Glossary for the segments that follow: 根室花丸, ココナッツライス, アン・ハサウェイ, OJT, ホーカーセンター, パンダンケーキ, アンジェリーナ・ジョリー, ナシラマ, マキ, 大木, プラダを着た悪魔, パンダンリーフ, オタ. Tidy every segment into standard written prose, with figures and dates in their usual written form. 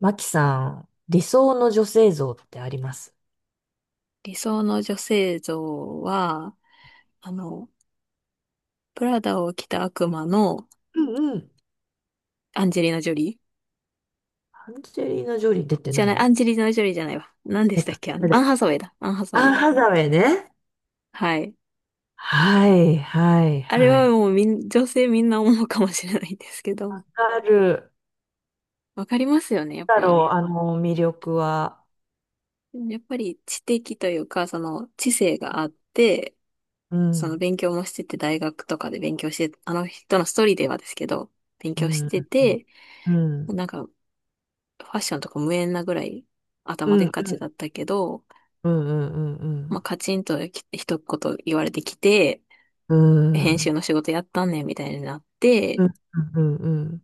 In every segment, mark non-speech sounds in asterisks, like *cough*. マキさん、理想の女性像ってあります？理想の女性像は、あの、プラダを着た悪魔のうんうん。アンジェリーナ・ジョリーアンジェリーナ・ジョリー出てじゃないない、アよ。ンジェリーナ・ジョリーじゃないわ。何で出したった。け誰アだっン・け？ハサウェイだ。アン・ハサウアン・ェイ。ハサウェイね。はい。はい、はい、あれははい。もう女性みんな思うかもしれないんですけど、わかる。わかりますよね、やっだぱ。ろう、あの魅力は。やっぱり知的というか、その知性があって、うそのん、勉強もしてて、大学とかで勉強して、あの人のストーリーではですけど、勉う強しん、うてん、て、うん、なんかファッションとか無縁なぐらいう頭でっん、かうん、うちん、だったけど、うん、うん、うまあ、ん、カチンとき一言言われてきて、う編集ん、の仕事やったんねんみたいになっうて、ん、うん、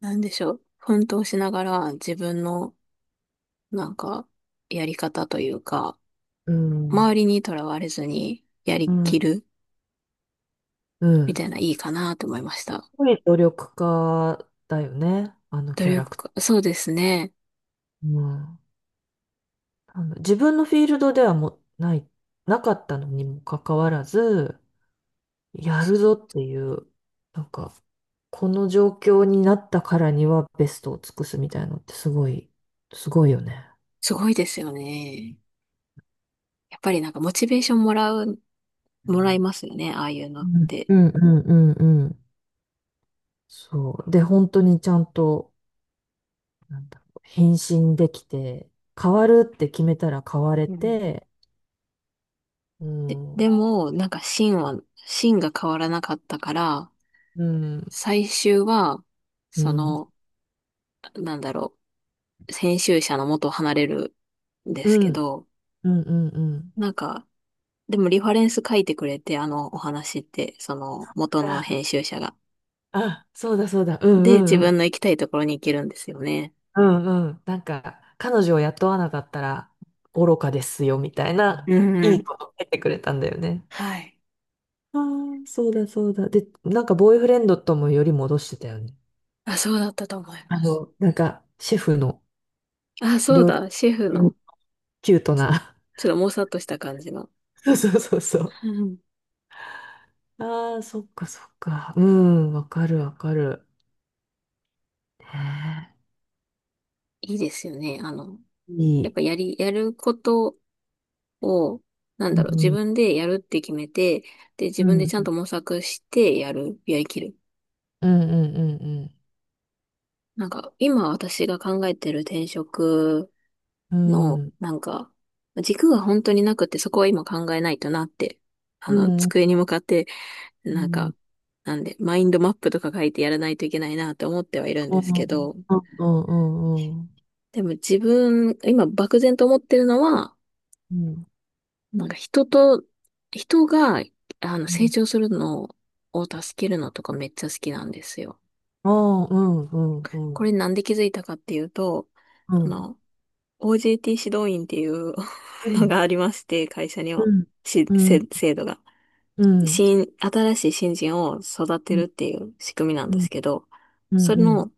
なんでしょう。奮闘しながら自分のなんかやり方というか、う周ん。りにとらわれずにやりきるうみんたいないいかなと思いました。すごい努力家だよね、あの努キャラ力クター。か、そうですね。うん自分のフィールドではもうない、なかったのにもかかわらず、やるぞっていう、なんか、この状況になったからにはベストを尽くすみたいなのってすごい、すごいよね。すごいですよね。やっぱりなんかモチベーションもらう、うもらいますよね。ああいうのっんて。うんうんうんうんそう。で、本当にちゃんと、なんだろう、返できて、変わるって決めたら変われうん。て、うで、ん、うでん、も、なんか芯が変わらなかったから、うん、最終は、うそん、の、なんだろ編集者の元を離れるんでうすけん、ど、うん、うん。なんか、でもリファレンス書いてくれて、あのお話って、その元のあ、編集者が。あ、そうだそうだ、うで、ん自うん分の行きたいところに行けるんですよね。うんうん。なんか、彼女を雇わなかったら愚かですよ、みたいうな、んういん。いこと言ってくれたんだよね。はい。あそうだそうだ。で、なんか、ボーイフレンドともより戻してたよね。あ、そうだったと思います。なんか、シェフのあ、そう料理だ、シェフ人の、キュートな。ちょっともさっとした感じの。*laughs* そうそうそうそう。うん。ああ、そっかそっか。うん、わかるわかる。ねいいですよね。えいやっい。ぱやることを、なんだろうう、自ん、分でやるって決めて、で、自う分でん、ちゃうんんと模索してやる、やりきる。うんうんなんか、今私が考えてる転職うん。うの、ん。なんか、軸が本当になくて、そこは今考えないとなって、うん。う机ん。に向かって、うなんんうか、んなんで、マインドマップとか書いてやらないといけないなって思ってはいるんですけど、うんでも自分、今漠然と思ってるのは、うん。なんか人と、人が、う成ん。長するのを助けるのとかめっちゃ好きなんですよ。ああ、うん、うん、うこん、れなんで気づいたかっていうと、うあん、の、OJT 指導員っていう *laughs* うのん、がありまして、会社には、うん、うん、制度が。うん、新しい新人を育うてん、るっていう仕組みなんうでん、すけど、うそん。れうのん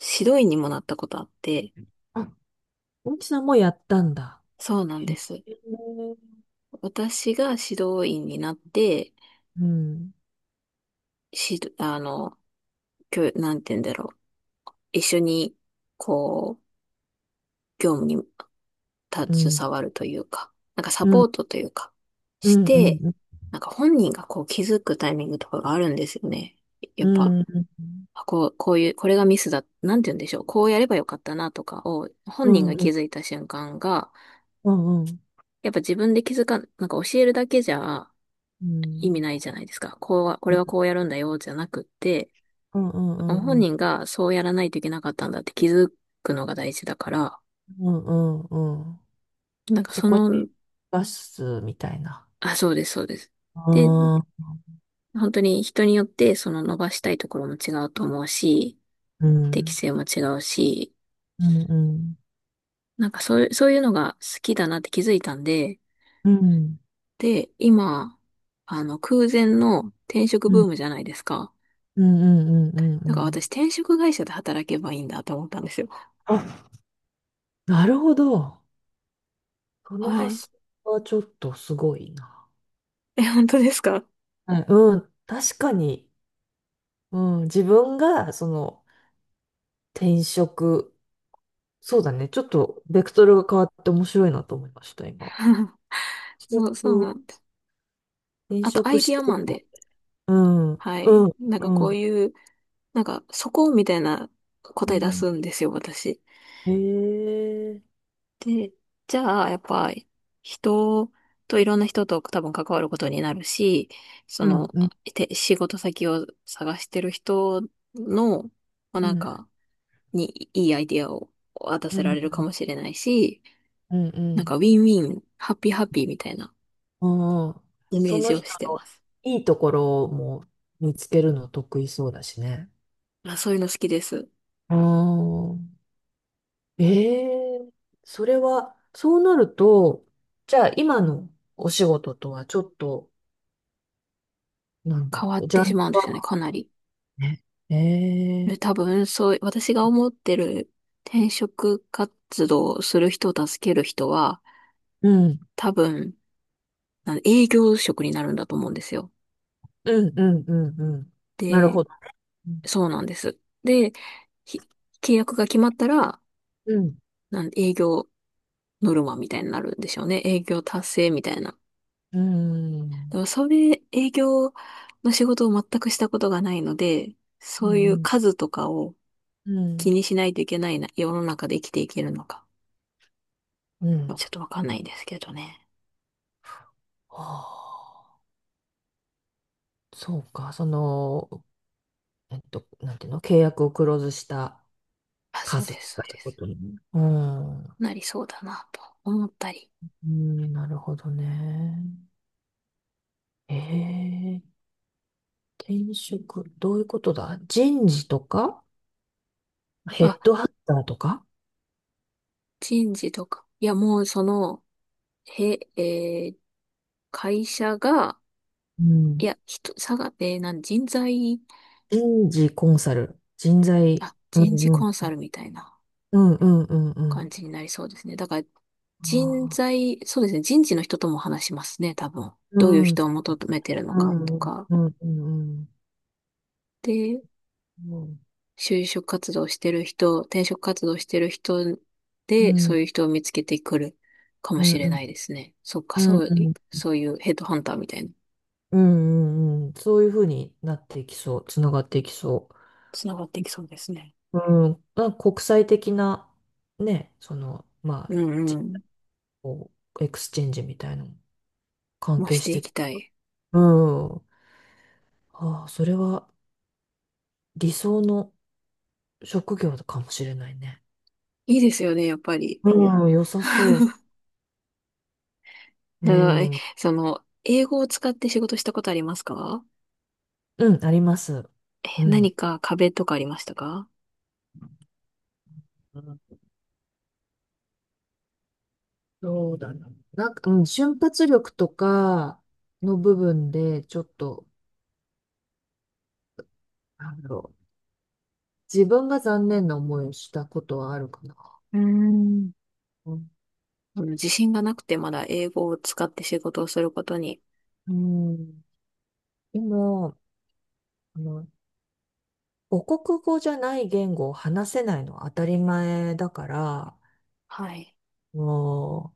指導員にもなったことあって、あ、大木さんもやったんだ。そうなんへです。え。私が指導員になって、うん、し、あの、教、なんて言うんだろう。一緒に、こう、業務にうん、携わるというか、なんかサうポん、ートというか、うしん、うん、うん、て、うん、なんか本人がこう気づくタイミングとかがあるんですよね。やうっぱ、ん、うん、こういう、これがミスだ、なんて言うんでしょう。こうやればよかったなとかを、う本人ん、がう気ん、づいた瞬間が、うん、うん、うん、やっぱ自分で気づかん、なんか教えるだけじゃう意味ん、ないじゃないですか。こうは、これはこうやるんだよ、じゃなくって、う本ん、人がそうやらないといけなかったんだって気づくのが大事だから、うん、うん。なんかそそこのに出すみたいな。あ、そうです、そうです。で、ああ、本当に人によって、その伸ばしたいところも違うと思うし、う適ん、性も違うし、うん、うん、うん、なんかそういうのが好きだなって気づいたんで、うん、で、今、空前の転職うブーん、ムじゃないですか。うん、うん、うだからん。私、転職会社で働けばいいんだと思ったんですよ。なるほど。そのはい。発想はちょっとすごいな。え、本当ですか？ はい、うん、確かに、うん、自分がその転職、そうだね、ちょっとベクトルが変わって面白いなと思いました、今。*laughs* 転そう職、なんです。転あと、ア職イしディアてマるンか。で、うん、うん、はい。なんかこううん、いう、なんか、そこみたいなう答え出ん。すんですよ、私。へえ、で、じゃあ、やっぱ、人いろんな人と多分関わることになるし、そうん、の、うん、仕事先を探してる人の、まあ、うなんん、か、にいいアイディアを渡うせん、うられるん、かもしれないし、うなんか、ん。ウィンウィン、ハッピーハッピーみたいなうんイメそーのジを人してまのす。いいところも見つけるの得意そうだしね。まあ、そういうの好きです。うんええそれは、そうなると、じゃあ今のお仕事とはちょっと、なんだ変ろわっう、ジてャンしルまうんですよね、はかなり。で、ね。ええ多分、そう、私が思ってる転職活動をする人を助ける人は、うん、多分、なんで営業職になるんだと思うんですよ。うん、うん、うん、うん。なるで、ほど。うん、そうなんです。で、ひ契約が決まったら、うん、営業ノルマみたいになるんでしょうね。営業達成みたいな。うん、でもそれ、営業の仕事を全くしたことがないので、うそういうん、数とかをう気ん。にしないといけないな、世の中で生きていけるのか。うんちょっとわかんないんですけどね。はあ、そうか、その、なんていうの、契約をクローズしたあ、そう数でとす、そかういでうこす。とに。うん、なりそうだな、と思ったり。うん、なるほどね。ええ転職、どういうことだ人事とか、ヘッあ、ドハンターとか、人事とか。いや、もうその、へ、えー会社が、ういん、や、人、さが、えーなん、人材、人事コンサル、人材、あ、う人ん事うコンん、サルみたいなうんうんうんう感ん。じになりそうですね。だから、人あ材、そうですね、人事の人とも話しますね、多分。ーうどういうん、う人を求めてるのかとんか。うんうんで、うん就職活動してる人、転職活動してる人うで、んうんそあういう人を見つけてくるかもうんしれうなんいですね。そっか、うんうんうんうんうんそういうヘッドハンターみたいな、うんうんうんうんうんそういうふうになっていきそう、つながっていきそつながっていきそうですね。う。うん、なんか国際的な、ね、その、まあ、うんうじん。こうエクスチェンジみたいなのも関も係ししていて、きたい。うん、ああ、それは理想の職業かもしれないね。いいですよね、やっぱり。うん、良さそう。*laughs* うだから、んその、英語を使って仕事したことありますか？うん、あります。う何ん。か壁とかありましたか？うんそうだな。なんか、うん、瞬発力とかの部分で、ちょっと、なんだろう。自分が残念な思いをしたことはあるかな。うーん。うんその自信がなくてまだ英語を使って仕事をすることに。うん。でも、あの、母国語じゃない言語を話せないのは当たり前だから、はい。も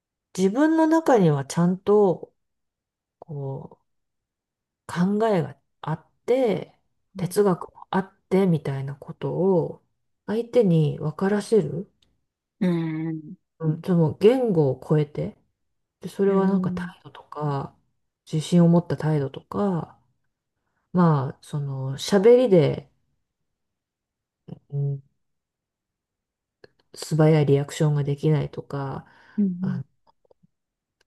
う、自分の中にはちゃんと、こう、考えがあって、はい。哲学もあってみたいなことを相手に分からせる、うーん。うん、その言語を超えて、で、そうれーはなんかん。態度とか、自信を持った態度とか、まあ、その喋りで、うん、素早いリアクションができないとか、うん。あ、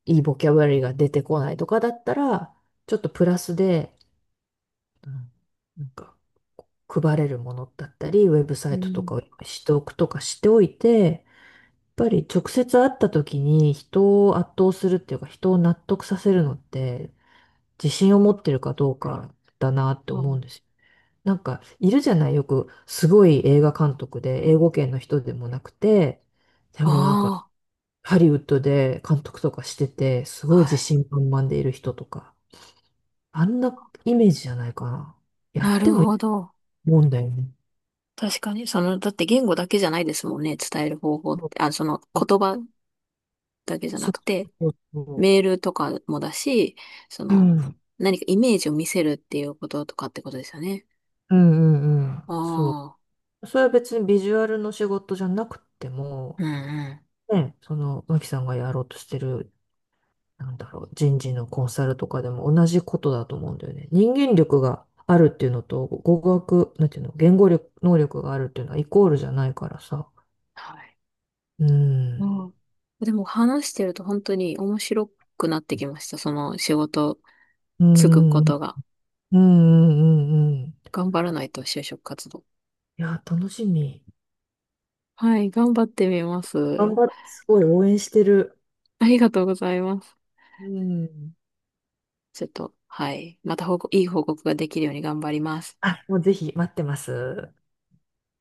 いいボキャブラリーが出てこないとかだったら、ちょっとプラスで、うんなんか配れるものだったり、ウェブサうイトとん。かを用意しておくとかしておいて、ぱり直接会った時に人を圧倒するっていうか人を納得させるのって自信を持ってるかどうかだなってう思うんん。ですよ。なんかいるじゃないよくすごい映画監督で英語圏の人でもなくてでもなんかあハリウッドで監督とかしててすあ、ごいは自い。信満々でいる人とかあんなイメージじゃないかな。やなってるもいいほとど。思うんだよね。確かに、その、だって言語だけじゃないですもんね、伝える方法っそうて。あ、その言葉だけじゃなそうくて、そうそメールとかもだし、そう。うの、ん。うん何かイメージを見せるっていうこととかってことですよね。うんうん。そああ、う。それは別にビジュアルの仕事じゃなくても、うんうん。ね、その、マキさんがやろうとしてる、なんだろう、人事のコンサルとかでも同じことだと思うんだよね。人間力があるっていうのと、語学、なんていうの、言語力、能力があるっていうのはイコールじゃないからさ。はい。うん。うん。でも話してると本当に面白くなってきました。その仕事うつくこん。うん。とが。うん。うん。頑張らないと就職活動。いや、楽しみ。はい、頑張ってみま頑す。張って、すごい応援してる。ありがとうございます。うん。ちょっと、はい。また報告、いい報告ができるように頑張ります。あ、もうぜひ待ってます。